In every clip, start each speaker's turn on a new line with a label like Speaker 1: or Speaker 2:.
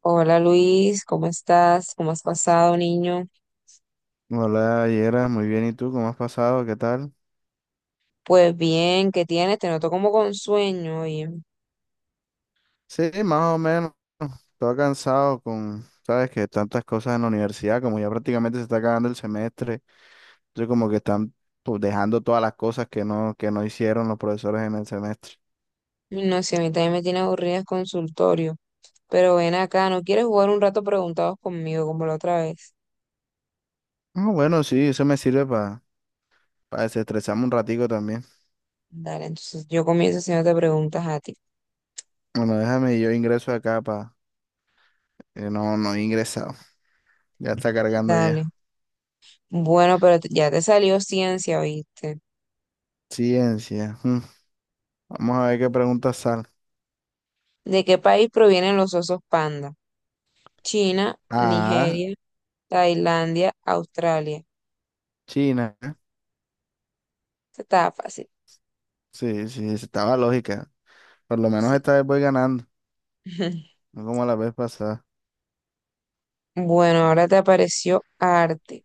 Speaker 1: Hola Luis, ¿cómo estás? ¿Cómo has pasado, niño?
Speaker 2: Hola, Yera, muy bien. ¿Y tú cómo has pasado? ¿Qué tal?
Speaker 1: Pues bien, ¿qué tienes? Te noto como con sueño, oye.
Speaker 2: Sí, más o menos. Todo cansado con, sabes, que tantas cosas en la universidad, como ya prácticamente se está acabando el semestre. Entonces, como que están pues, dejando todas las cosas que no hicieron los profesores en el semestre.
Speaker 1: No sé, a mí también me tiene aburrida el consultorio. Pero ven acá, ¿no quieres jugar un rato preguntados conmigo como la otra vez?
Speaker 2: Ah, bueno, sí, eso me sirve para desestresarme un ratico también.
Speaker 1: Dale, entonces yo comienzo haciéndote preguntas a ti.
Speaker 2: Bueno, déjame, yo ingreso acá para... no, no he ingresado. Ya está cargando
Speaker 1: Dale.
Speaker 2: ya.
Speaker 1: Bueno, pero ya te salió ciencia, ¿viste?
Speaker 2: Ciencia. Mm. Vamos a ver qué preguntas salen.
Speaker 1: ¿De qué país provienen los osos panda? China,
Speaker 2: Ah,
Speaker 1: Nigeria, Tailandia, Australia.
Speaker 2: China.
Speaker 1: Estaba fácil,
Speaker 2: Sí, sí, estaba lógica. Por lo menos
Speaker 1: sí.
Speaker 2: esta vez voy ganando, no como la vez pasada.
Speaker 1: Bueno, ahora te apareció arte.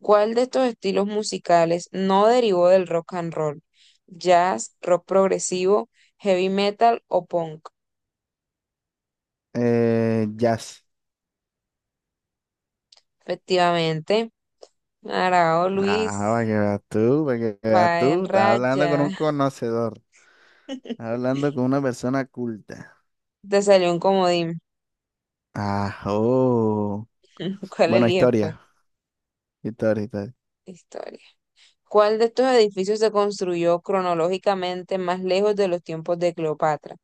Speaker 1: ¿Cuál de estos estilos musicales no derivó del rock and roll? ¿Jazz, rock progresivo, heavy metal o punk?
Speaker 2: Jazz.
Speaker 1: Efectivamente, Arao
Speaker 2: Ah, para
Speaker 1: Luis
Speaker 2: que veas tú, para que veas
Speaker 1: va en
Speaker 2: tú. Estás hablando con
Speaker 1: raya.
Speaker 2: un conocedor. Estás hablando con una persona culta.
Speaker 1: Te salió un comodín.
Speaker 2: Ah, oh.
Speaker 1: ¿Cuál
Speaker 2: Bueno,
Speaker 1: eliges, pues?
Speaker 2: historia. Historia, historia.
Speaker 1: Historia. ¿Cuál de estos edificios se construyó cronológicamente más lejos de los tiempos de Cleopatra?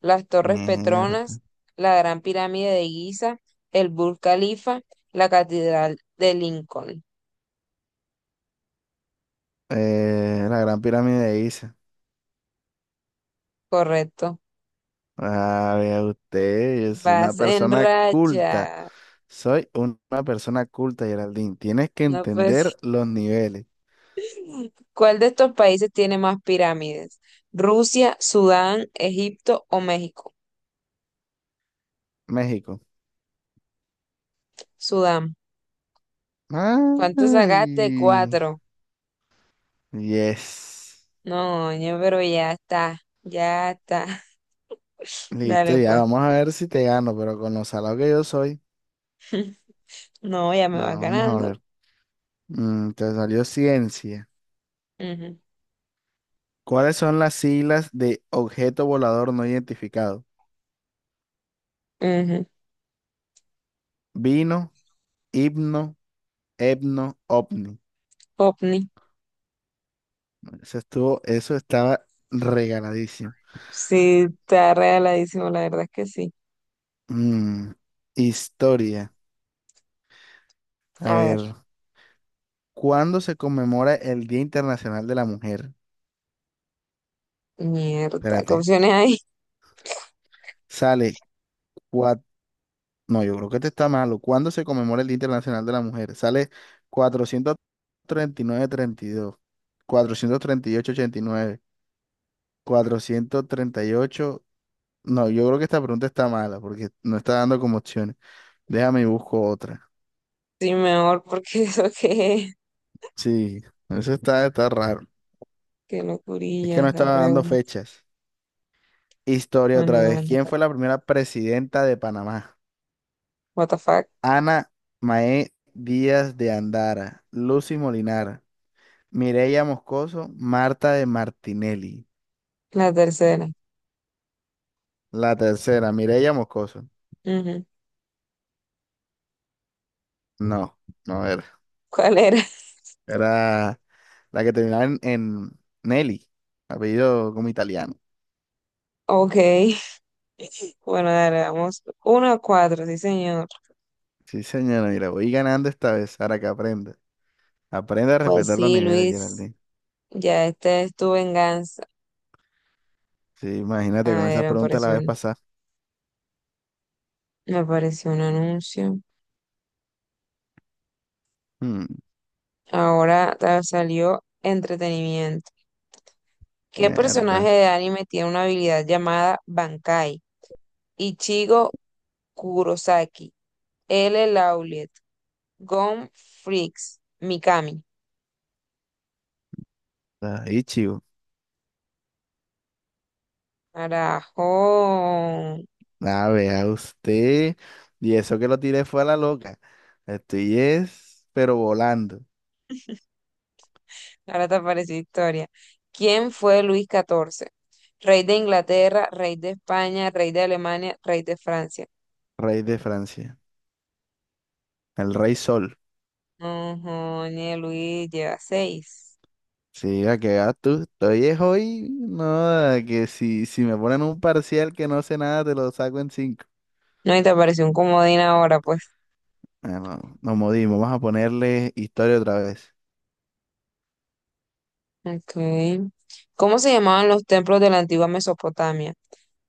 Speaker 1: Las Torres
Speaker 2: Mierda.
Speaker 1: Petronas, la Gran Pirámide de Giza, el Burj Khalifa, la Catedral de Lincoln.
Speaker 2: La Gran Pirámide de Giza.
Speaker 1: Correcto.
Speaker 2: Ah, vea usted, yo soy una
Speaker 1: Vas en
Speaker 2: persona culta.
Speaker 1: racha.
Speaker 2: Soy una persona culta, Geraldine. Tienes que
Speaker 1: No
Speaker 2: entender
Speaker 1: pues.
Speaker 2: los niveles.
Speaker 1: ¿Cuál de estos países tiene más pirámides? ¿Rusia, Sudán, Egipto o México?
Speaker 2: México.
Speaker 1: Sudán. ¿Cuánto sacaste?
Speaker 2: Ay.
Speaker 1: Cuatro.
Speaker 2: Yes.
Speaker 1: No, ñe, pero ya está, ya está.
Speaker 2: Listo,
Speaker 1: Dale,
Speaker 2: ya
Speaker 1: pues.
Speaker 2: vamos a ver si te gano, pero con lo salado que yo soy.
Speaker 1: No, ya me va
Speaker 2: Bueno, vamos a
Speaker 1: ganando.
Speaker 2: ver. Te salió ciencia.
Speaker 1: Ujú,
Speaker 2: ¿Cuáles son las siglas de objeto volador no identificado?
Speaker 1: ujú.
Speaker 2: Vino, himno, etno, ovni.
Speaker 1: Popni.
Speaker 2: Eso estaba regaladísimo.
Speaker 1: Sí, está regaladísimo, la verdad es que sí.
Speaker 2: Mm, historia. A
Speaker 1: A ver,
Speaker 2: ver, ¿cuándo se conmemora el Día Internacional de la Mujer?
Speaker 1: mierda, ¿qué
Speaker 2: Espérate.
Speaker 1: opciones hay?
Speaker 2: Sale No, yo creo que este está malo. ¿Cuándo se conmemora el Día Internacional de la Mujer? Sale cuatrocientos cuatrocientos treinta y nueve dos, ocho ochenta y nueve, 438. No, yo creo que esta pregunta está mala porque no está dando como opciones. Déjame y busco otra.
Speaker 1: Sí, mejor, porque eso que es.
Speaker 2: Sí, eso está raro.
Speaker 1: Qué
Speaker 2: Es que
Speaker 1: locurilla
Speaker 2: no
Speaker 1: la
Speaker 2: estaba dando
Speaker 1: pregunta.
Speaker 2: fechas. Historia otra
Speaker 1: Bueno,
Speaker 2: vez.
Speaker 1: dale,
Speaker 2: ¿Quién
Speaker 1: dale.
Speaker 2: fue la primera presidenta de Panamá?
Speaker 1: What the fuck?
Speaker 2: Ana Mae Díaz de Andara, Lucy Molinar, Mireya Moscoso, Marta de Martinelli.
Speaker 1: La tercera.
Speaker 2: La tercera, Mireya Moscoso.
Speaker 1: Ujú.
Speaker 2: No, no era.
Speaker 1: ¿Cuál era?
Speaker 2: Era la que terminaba en Nelly, apellido como italiano.
Speaker 1: Ok. Bueno, dale, vamos. Uno a cuatro, sí, señor.
Speaker 2: Sí, señora, mira, voy ganando esta vez, ahora que aprenda. Aprende a
Speaker 1: Pues
Speaker 2: respetar los
Speaker 1: sí,
Speaker 2: niveles,
Speaker 1: Luis.
Speaker 2: Geraldine.
Speaker 1: Ya, esta es tu venganza.
Speaker 2: Sí,
Speaker 1: A
Speaker 2: imagínate con
Speaker 1: ver,
Speaker 2: esas preguntas la vez pasada.
Speaker 1: me apareció un anuncio.
Speaker 2: Hmm,
Speaker 1: Ahora salió entretenimiento. ¿Qué personaje
Speaker 2: mierda.
Speaker 1: de anime tiene una habilidad llamada Bankai? Ichigo Kurosaki, L. Lauliet, Gon Freaks, Mikami.
Speaker 2: Ahí, chico.
Speaker 1: Carajo.
Speaker 2: A vea usted. Y eso que lo tiré fue a la loca. Estoy es, pero volando.
Speaker 1: Ahora te apareció historia. ¿Quién fue Luis XIV? Rey de Inglaterra, rey de España, rey de Alemania, rey de Francia.
Speaker 2: Rey de Francia. El Rey Sol.
Speaker 1: Ujú, ni Luis lleva seis.
Speaker 2: Sí, a que vas tú. Estoy es hoy, no, a que si, si me ponen un parcial que no sé nada, te lo saco en cinco.
Speaker 1: No, y te apareció un comodín ahora, pues.
Speaker 2: Ah, no, nos modimos, vamos a ponerle historia otra vez.
Speaker 1: Ok. ¿Cómo se llamaban los templos de la antigua Mesopotamia?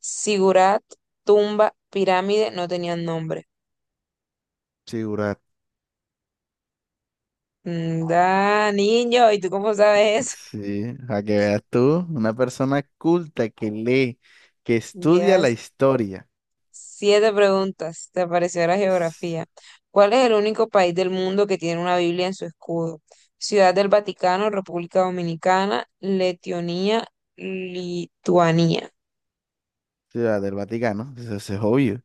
Speaker 1: Sigurat, tumba, pirámide, no tenían nombre.
Speaker 2: Sí, Burak.
Speaker 1: Mm, da, niño, ¿y tú cómo sabes eso?
Speaker 2: Sí, a que veas tú, una persona culta que lee, que estudia la
Speaker 1: Llevas
Speaker 2: historia.
Speaker 1: siete preguntas. Te apareció la geografía. ¿Cuál es el único país del mundo que tiene una Biblia en su escudo? Ciudad del Vaticano, República Dominicana, Letonia, Lituania.
Speaker 2: Ciudad del Vaticano, eso es obvio.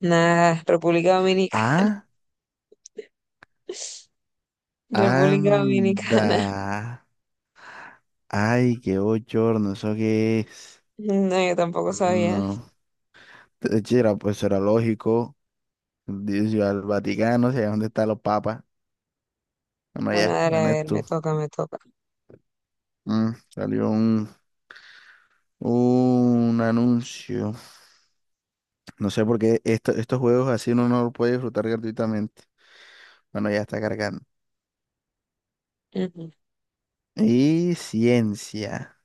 Speaker 1: Nada, República Dominicana.
Speaker 2: Ah,
Speaker 1: República Dominicana.
Speaker 2: anda. Ay, qué bochorno, ¿eso qué es?
Speaker 1: No, yo tampoco sabía.
Speaker 2: No, de hecho, era lógico. Dice, yo al Vaticano, sé dónde están los papas. Bueno,
Speaker 1: Bueno,
Speaker 2: allá
Speaker 1: dale, a
Speaker 2: en
Speaker 1: ver, me
Speaker 2: esto.
Speaker 1: toca, me toca.
Speaker 2: Salió un anuncio. No sé por qué estos juegos así uno no los puede disfrutar gratuitamente. Bueno, ya está cargando.
Speaker 1: Ujú.
Speaker 2: Y ciencia.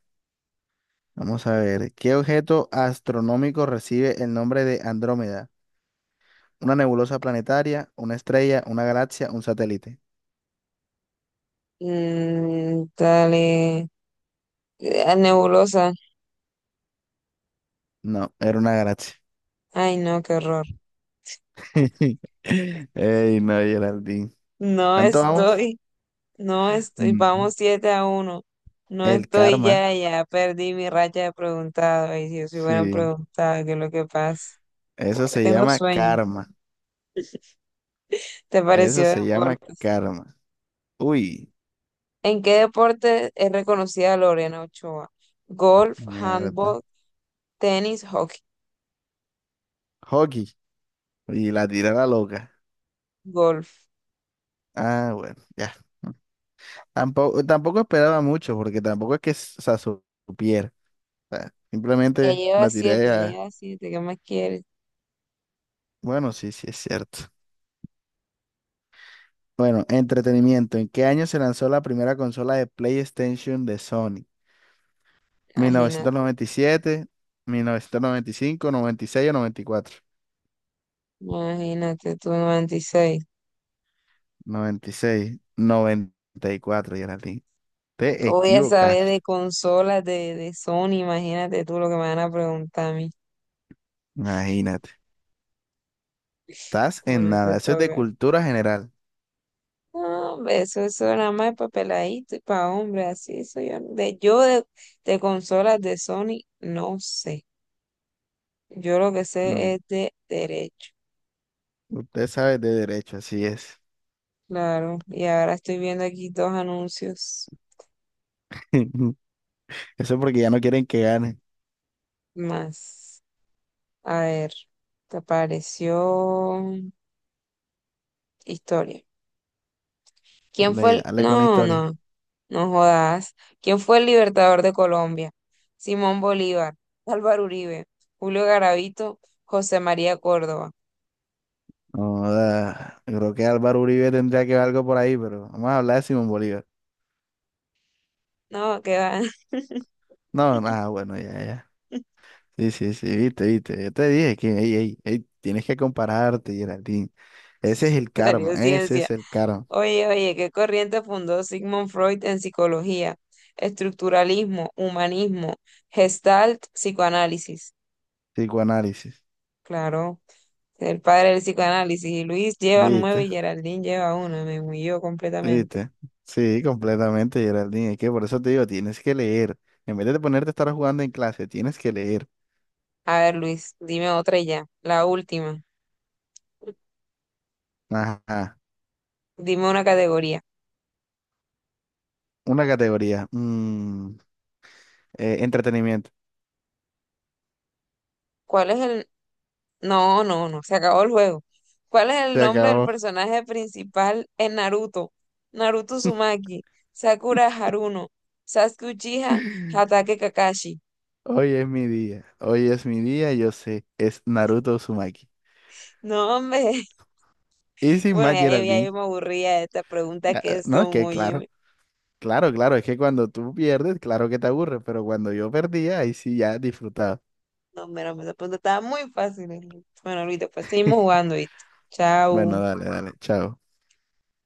Speaker 2: Vamos a ver. ¿Qué objeto astronómico recibe el nombre de Andrómeda? ¿Una nebulosa planetaria, una estrella, una galaxia, un satélite?
Speaker 1: Mm, dale. Ah, nebulosa.
Speaker 2: No, era una galaxia.
Speaker 1: Ay, no, qué horror.
Speaker 2: Ey, no, Geraldine.
Speaker 1: No
Speaker 2: ¿Cuánto vamos?
Speaker 1: estoy, no estoy.
Speaker 2: Mm,
Speaker 1: Vamos 7 a uno. No
Speaker 2: El
Speaker 1: estoy
Speaker 2: karma.
Speaker 1: ya, ya perdí mi racha de preguntado. Y si os hubieran
Speaker 2: Sí,
Speaker 1: preguntado qué es lo que pasa.
Speaker 2: eso se
Speaker 1: Tengo
Speaker 2: llama
Speaker 1: sueño.
Speaker 2: karma.
Speaker 1: ¿Te
Speaker 2: Eso
Speaker 1: pareció
Speaker 2: se llama
Speaker 1: deporte?
Speaker 2: karma. Uy,
Speaker 1: ¿En qué deporte es reconocida Lorena Ochoa? Golf,
Speaker 2: mierda.
Speaker 1: handball, tenis, hockey,
Speaker 2: Hockey. Y la tira la loca.
Speaker 1: golf.
Speaker 2: Ah, bueno, ya. Tampoco esperaba mucho, porque tampoco es que o sea, supiera. O sea, simplemente la tiré
Speaker 1: Ya
Speaker 2: a.
Speaker 1: lleva siete, ¿qué más quieres?
Speaker 2: Bueno, sí, sí, es cierto. Bueno, entretenimiento. ¿En qué año se lanzó la primera consola de PlayStation de Sony? ¿Mil novecientos
Speaker 1: Imagínate,
Speaker 2: noventa y siete, 1995, noventa y seis o 94?
Speaker 1: imagínate tú, 96.
Speaker 2: noventa noventa y seis, noventa y cuatro, Geraldine.
Speaker 1: ¿Qué
Speaker 2: Te
Speaker 1: voy a saber
Speaker 2: equivocaste.
Speaker 1: de consolas de Sony? Imagínate tú lo que me van a preguntar a mí.
Speaker 2: Imagínate. Estás en
Speaker 1: Bueno, te
Speaker 2: nada. Eso es de
Speaker 1: toca.
Speaker 2: cultura general.
Speaker 1: No, hombre, eso nada más para peladito y para hombre, así soy yo. De consolas de Sony no sé. Yo lo que
Speaker 2: Mm,
Speaker 1: sé es de derecho.
Speaker 2: Usted sabe de derecho, así es.
Speaker 1: Claro, y ahora estoy viendo aquí dos anuncios
Speaker 2: Eso porque ya no quieren que gane.
Speaker 1: más. A ver, te apareció historia. ¿Quién fue el...?
Speaker 2: Dale con la
Speaker 1: No,
Speaker 2: historia.
Speaker 1: no, no jodas. ¿Quién fue el libertador de Colombia? Simón Bolívar, Álvaro Uribe, Julio Garavito, José María Córdoba.
Speaker 2: Joda, creo que Álvaro Uribe tendría que ver algo por ahí, pero vamos a hablar de Simón Bolívar.
Speaker 1: No, qué va.
Speaker 2: No, nada, bueno, ya, ya. Sí, sí, sí, viste, viste. Yo te dije que, ey, ey, ey, tienes que compararte, Geraldine. Ese es el karma,
Speaker 1: Salió
Speaker 2: ese
Speaker 1: ciencia.
Speaker 2: es el karma.
Speaker 1: Oye, oye, ¿qué corriente fundó Sigmund Freud en psicología? Estructuralismo, humanismo, Gestalt, psicoanálisis.
Speaker 2: Psicoanálisis.
Speaker 1: Claro. El padre del psicoanálisis, y Luis lleva nueve
Speaker 2: Viste.
Speaker 1: y Geraldine lleva una. Me humilló completamente.
Speaker 2: ¿Viste? Sí, completamente, Geraldine. Es que por eso te digo, tienes que leer. En vez de ponerte a estar jugando en clase, tienes que leer.
Speaker 1: A ver, Luis, dime otra y ya. La última.
Speaker 2: Ajá.
Speaker 1: Dime una categoría.
Speaker 2: Una categoría. Entretenimiento.
Speaker 1: ¿Cuál es el... No, se acabó el juego. ¿Cuál es el
Speaker 2: Se
Speaker 1: nombre del
Speaker 2: acabó.
Speaker 1: personaje principal en Naruto? Naruto Uzumaki, Sakura Haruno, Sasuke Uchiha, Hatake Kakashi.
Speaker 2: Hoy es mi día. Hoy es mi día, yo sé. Es Naruto Uzumaki.
Speaker 1: No, hombre.
Speaker 2: Y sin
Speaker 1: Bueno,
Speaker 2: más,
Speaker 1: ya yo
Speaker 2: Geraldine.
Speaker 1: me aburría de estas preguntas que
Speaker 2: No, es
Speaker 1: son,
Speaker 2: que claro.
Speaker 1: oye.
Speaker 2: Claro, claro. Es que cuando tú pierdes, claro que te aburres. Pero cuando yo perdía, ahí sí ya disfrutaba.
Speaker 1: No, mira, esa pregunta estaba muy fácil. Bueno, Luis, después seguimos jugando, ¿viste?
Speaker 2: Bueno,
Speaker 1: Chao.
Speaker 2: dale, dale. Chao.